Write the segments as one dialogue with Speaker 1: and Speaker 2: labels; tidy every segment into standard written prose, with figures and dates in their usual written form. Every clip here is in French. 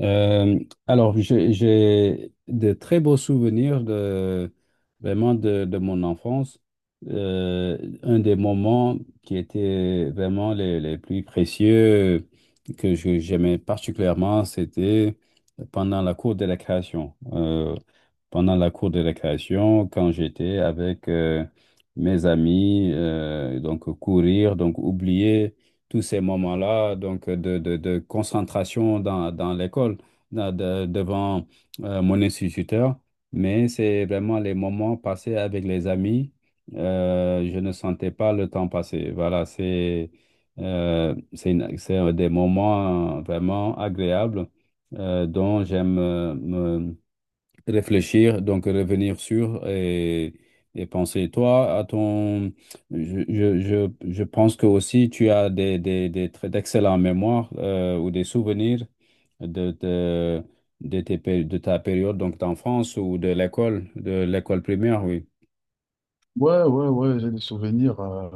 Speaker 1: Euh, alors, j'ai de très beaux souvenirs de, vraiment de mon enfance. Un des moments qui étaient vraiment les plus précieux j'aimais particulièrement, c'était pendant la cour de récréation. Pendant la cour de récréation, quand j'étais avec mes amis, donc courir, donc oublier tous ces moments-là, donc de concentration dans l'école, devant mon instituteur. Mais c'est vraiment les moments passés avec les amis. Je ne sentais pas le temps passer. Voilà, c'est c'est un des moments vraiment agréables dont j'aime me réfléchir, donc revenir sur et penser. Toi, à je pense que aussi tu as des très d'excellents mémoires ou des souvenirs de, de, de de ta période donc d'enfance ou de l'école primaire, oui.
Speaker 2: Ouais, ouais, ouais, j'ai des souvenirs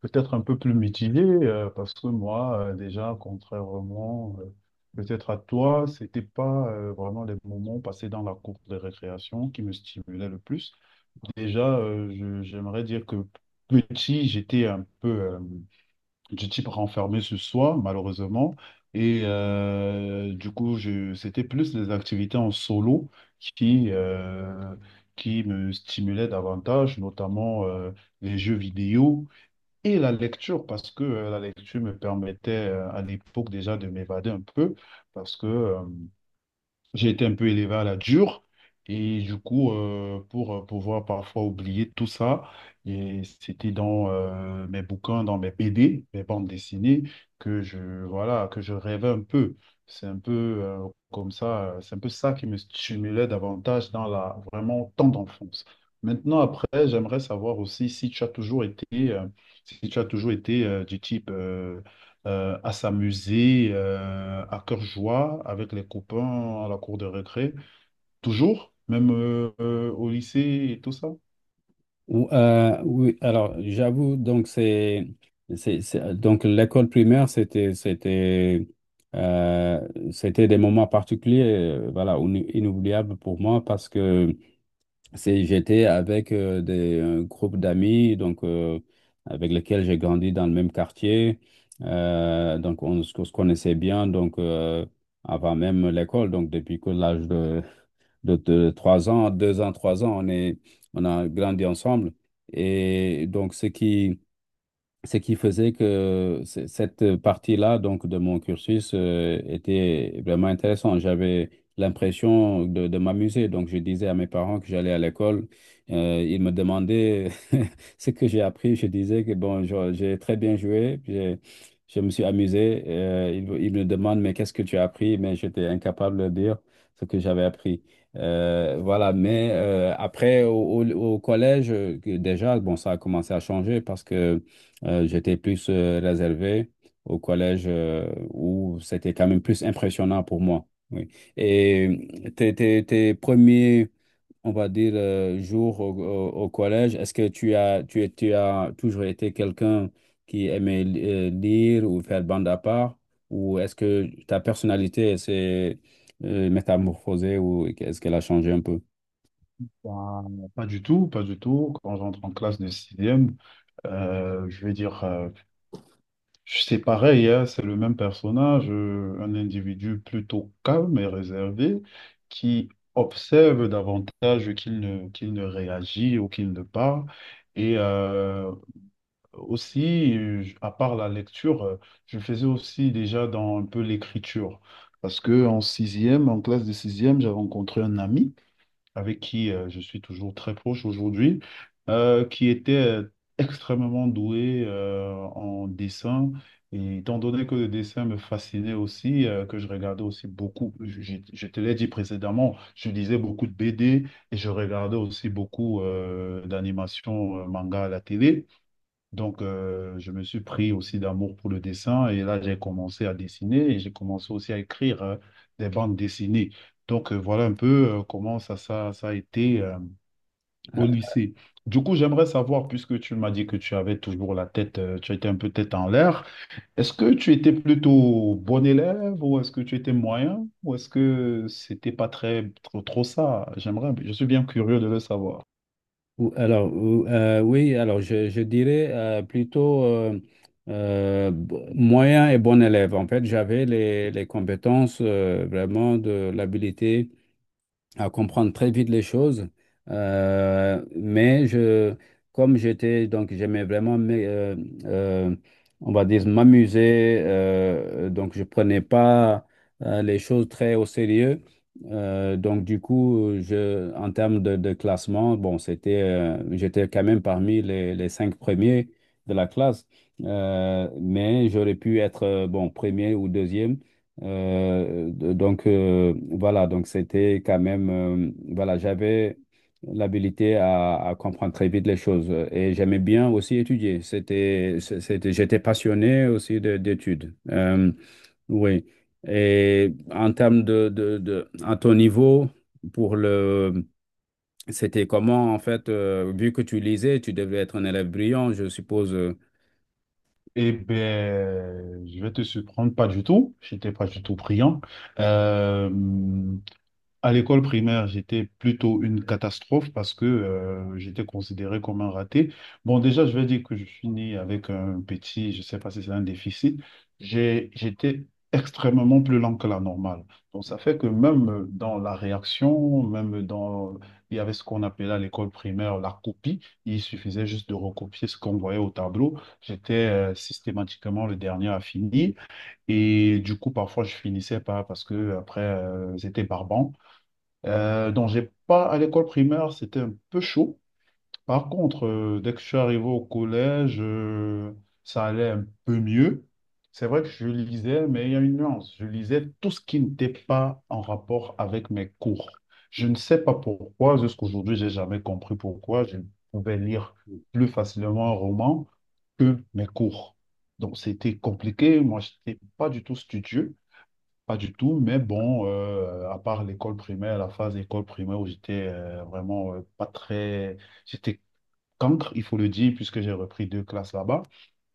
Speaker 2: peut-être un peu plus mitigés, parce que moi, déjà, contrairement peut-être à toi, c'était pas vraiment les moments passés dans la cour de récréation qui me stimulaient le plus. Déjà, j'aimerais dire que petit, j'étais un peu du type renfermé sur soi, malheureusement. Du coup, c'était plus les activités en solo qui, euh, qui me stimulaient davantage, notamment les jeux vidéo et la lecture, parce que la lecture me permettait à l'époque déjà de m'évader un peu, parce que j'ai été un peu élevé à la dure et du coup, pour pouvoir parfois oublier tout ça, et c'était dans mes bouquins, dans mes BD, mes bandes dessinées, que je, voilà, que je rêvais un peu. C'est un peu comme ça, c'est un peu ça qui me stimulait davantage dans la vraiment temps d'enfance. Maintenant, après, j'aimerais savoir aussi si tu as toujours été, si tu as toujours été du type à s'amuser à cœur joie avec les copains à la cour de récré. Toujours, même au lycée et tout ça.
Speaker 1: Oui, alors j'avoue, donc donc l'école primaire, euh, c'était des moments particuliers, voilà, inoubliables pour moi parce que c'est j'étais avec des un groupe d'amis, avec lesquels j'ai grandi dans le même quartier. On se connaissait bien, avant même l'école, donc depuis que l'âge de de trois ans, on a grandi ensemble. Et donc, ce qui faisait que cette partie-là donc de mon cursus était vraiment intéressante. J'avais l'impression de m'amuser. Donc, je disais à mes parents que j'allais à l'école. Ils me demandaient ce que j'ai appris. Je disais que bon, j'ai très bien joué. Je me suis amusé. Ils me demandent, mais qu'est-ce que tu as appris? Mais j'étais incapable de dire ce que j'avais appris. Voilà, mais après, au collège, que déjà, bon, ça a commencé à changer parce que j'étais plus réservé au collège où c'était quand même plus impressionnant pour moi. Oui. Et tes premiers, on va dire, jours au collège, est-ce que tu as toujours été quelqu'un qui aimait lire ou faire bande à part? Ou est-ce que ta personnalité s'est métamorphosée ou est-ce qu'elle a changé un peu?
Speaker 2: Ben, pas du tout, pas du tout. Quand j'entre en classe de sixième, je vais dire, c'est pareil, hein, c'est le même personnage, un individu plutôt calme et réservé qui observe davantage qu'il ne réagit ou qu'il ne parle. Et euh, Aussi, à part la lecture, je faisais aussi déjà dans un peu l'écriture. Parce que en sixième, en classe de sixième, j'avais rencontré un ami avec qui je suis toujours très proche aujourd'hui, qui était extrêmement doué en dessin. Et étant donné que le dessin me fascinait aussi, que je regardais aussi beaucoup, je te l'ai dit précédemment, je lisais beaucoup de BD et je regardais aussi beaucoup d'animations manga à la télé. Donc, je me suis pris aussi d'amour pour le dessin et là, j'ai commencé à dessiner et j'ai commencé aussi à écrire des bandes dessinées. Donc, voilà un peu comment ça a été au lycée. Du coup, j'aimerais savoir, puisque tu m'as dit que tu avais toujours la tête, tu étais un peu tête en l'air, est-ce que tu étais plutôt bon élève ou est-ce que tu étais moyen ou est-ce que c'était pas très, trop, trop ça? Je suis bien curieux de le savoir.
Speaker 1: Alors, je dirais plutôt moyen et bon élève. En fait, j'avais les compétences vraiment de l'habilité à comprendre très vite les choses. Mais comme j'aimais vraiment, euh, on va dire, m'amuser. Donc je prenais pas les choses très au sérieux. Donc du coup, en termes de classement, bon, c'était, j'étais quand même parmi les cinq premiers de la classe. Mais j'aurais pu être, bon, premier ou deuxième. Donc c'était quand même, voilà, j'avais l'habilité à comprendre très vite les choses et j'aimais bien aussi étudier. J'étais passionné aussi d'études. Oui. Et en termes de à ton niveau, pour le, c'était comment en fait, vu que tu lisais, tu devais être un élève brillant, je suppose. Euh,
Speaker 2: Eh ben, je vais te surprendre, pas du tout. J'étais pas du tout brillant. Euh, à l'école primaire, j'étais plutôt une catastrophe parce que j'étais considéré comme un raté. Bon, déjà, je vais dire que je suis né avec un petit, je ne sais pas si c'est un déficit. J'étais extrêmement plus lent que la normale. Donc, ça fait que même dans la réaction, même dans, il y avait ce qu'on appelait à l'école primaire la copie. Il suffisait juste de recopier ce qu'on voyait au tableau. J'étais systématiquement le dernier à finir. Et du coup, parfois, je finissais pas parce que après, c'était barbant. Donc, j'ai pas à l'école primaire, c'était un peu chaud. Par contre, dès que je suis arrivé au collège, ça allait un peu mieux. C'est vrai que je lisais, mais il y a une nuance. Je lisais tout ce qui n'était pas en rapport avec mes cours. Je ne sais pas pourquoi, jusqu'à aujourd'hui j'ai jamais compris pourquoi je pouvais lire plus facilement un roman que mes cours. Donc, c'était compliqué. Moi, je n'étais pas du tout studieux. Pas du tout, mais bon, à part l'école primaire, la phase école primaire où j'étais vraiment pas très. J'étais cancre, il faut le dire, puisque j'ai repris deux classes là-bas.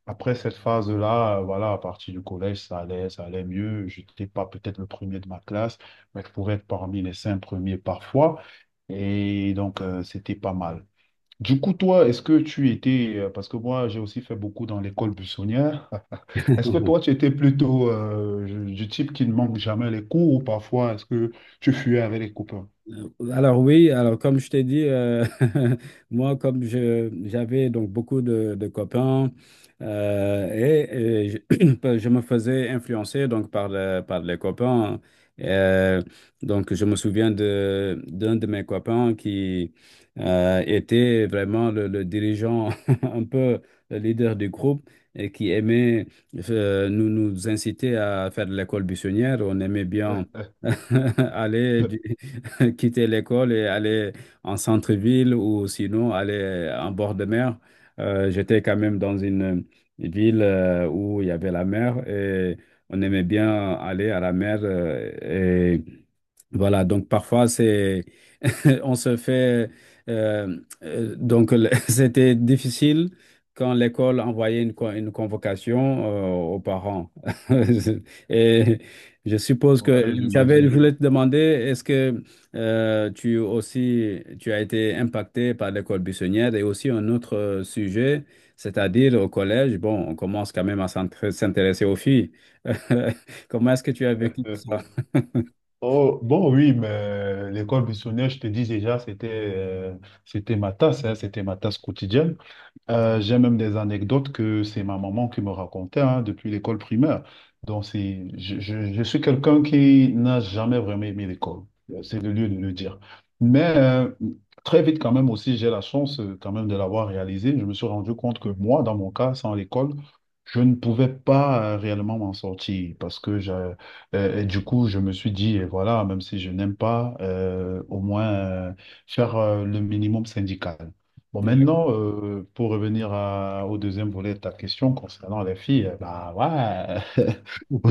Speaker 2: Après cette phase-là, voilà, à partir du collège, ça allait, mieux. Je n'étais pas peut-être le premier de ma classe, mais je pouvais être parmi les cinq premiers parfois. Et donc, c'était pas mal. Du coup, toi, est-ce que tu étais. Parce que moi, j'ai aussi fait beaucoup dans l'école buissonnière. Est-ce que toi, tu étais plutôt du type qui ne manque jamais les cours ou parfois est-ce que tu fuyais avec les copains?
Speaker 1: alors oui, alors comme je t'ai dit, moi comme je j'avais donc beaucoup de copains je me faisais influencer donc par les copains. Euh, donc je me souviens de d'un de mes copains qui était vraiment le dirigeant, un peu le leader du groupe et qui aimait nous nous inciter à faire de l'école buissonnière. On aimait bien aller du, quitter l'école et aller en centre-ville ou sinon aller en bord de mer. J'étais quand même dans une ville où il y avait la mer et on aimait bien aller à la mer. Euh, et voilà, donc parfois c'est on se fait euh, c'était difficile quand l'école envoyait une convocation aux parents. Et je suppose que
Speaker 2: Ouais,
Speaker 1: je
Speaker 2: j'imagine.
Speaker 1: voulais te demander, est-ce que tu aussi tu as été impacté par l'école buissonnière et aussi un autre sujet, c'est-à-dire au collège, bon, on commence quand même à s'intéresser aux filles. Comment est-ce que tu as vécu ça?
Speaker 2: Oh, bon, oui, mais l'école buissonnière, je te dis déjà, c'était ma tasse, hein, c'était ma tasse quotidienne. J'ai même des anecdotes que c'est ma maman qui me racontait hein, depuis l'école primaire. Donc, je suis quelqu'un qui n'a jamais vraiment aimé l'école. C'est le lieu de le dire. Mais très vite, quand même, aussi, j'ai la chance quand même de l'avoir réalisé. Je me suis rendu compte que moi, dans mon cas, sans l'école, je ne pouvais pas réellement m'en sortir et du coup, je me suis dit, eh, voilà, même si je n'aime pas, au moins faire le minimum syndical. Bon,
Speaker 1: Ouais.
Speaker 2: maintenant, pour revenir au deuxième volet de ta question concernant les filles, bah ouais, Au-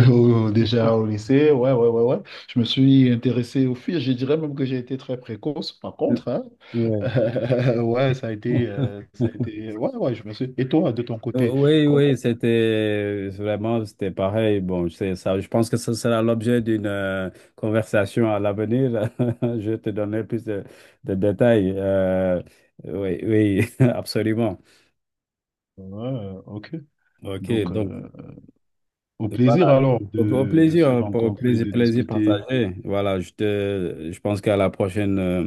Speaker 2: au- déjà au lycée, ouais, ouais, ouais, ouais. Je me suis intéressé aux filles, je dirais même que j'ai été très précoce, par contre, hein.
Speaker 1: Ouais.
Speaker 2: Ouais, ça a été, ouais, ouais, je me suis. Et toi, de ton côté,
Speaker 1: Oui,
Speaker 2: comment-
Speaker 1: oui, c'était vraiment, c'était pareil. Bon, c'est ça. Je pense que ce sera l'objet d'une conversation à l'avenir. Je te donnerai plus de détails. Oui, oui, absolument.
Speaker 2: Ouais, ok.
Speaker 1: OK,
Speaker 2: Donc,
Speaker 1: donc
Speaker 2: Au
Speaker 1: voilà.
Speaker 2: plaisir alors
Speaker 1: Au, au
Speaker 2: de
Speaker 1: plaisir,
Speaker 2: se
Speaker 1: hein, au
Speaker 2: rencontrer et
Speaker 1: plaisir,
Speaker 2: de
Speaker 1: plaisir
Speaker 2: discuter.
Speaker 1: partagé. Voilà, je pense qu'à la prochaine euh,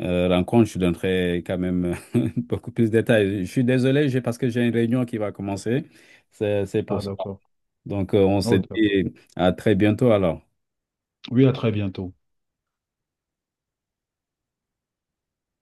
Speaker 1: euh, rencontre, je donnerai quand même beaucoup plus de détails. Je suis désolé, j'ai parce que j'ai une réunion qui va commencer. C'est pour
Speaker 2: Ah,
Speaker 1: ça.
Speaker 2: d'accord.
Speaker 1: On se
Speaker 2: Ok. D'accord.
Speaker 1: dit à très bientôt alors.
Speaker 2: Oui, à très bientôt.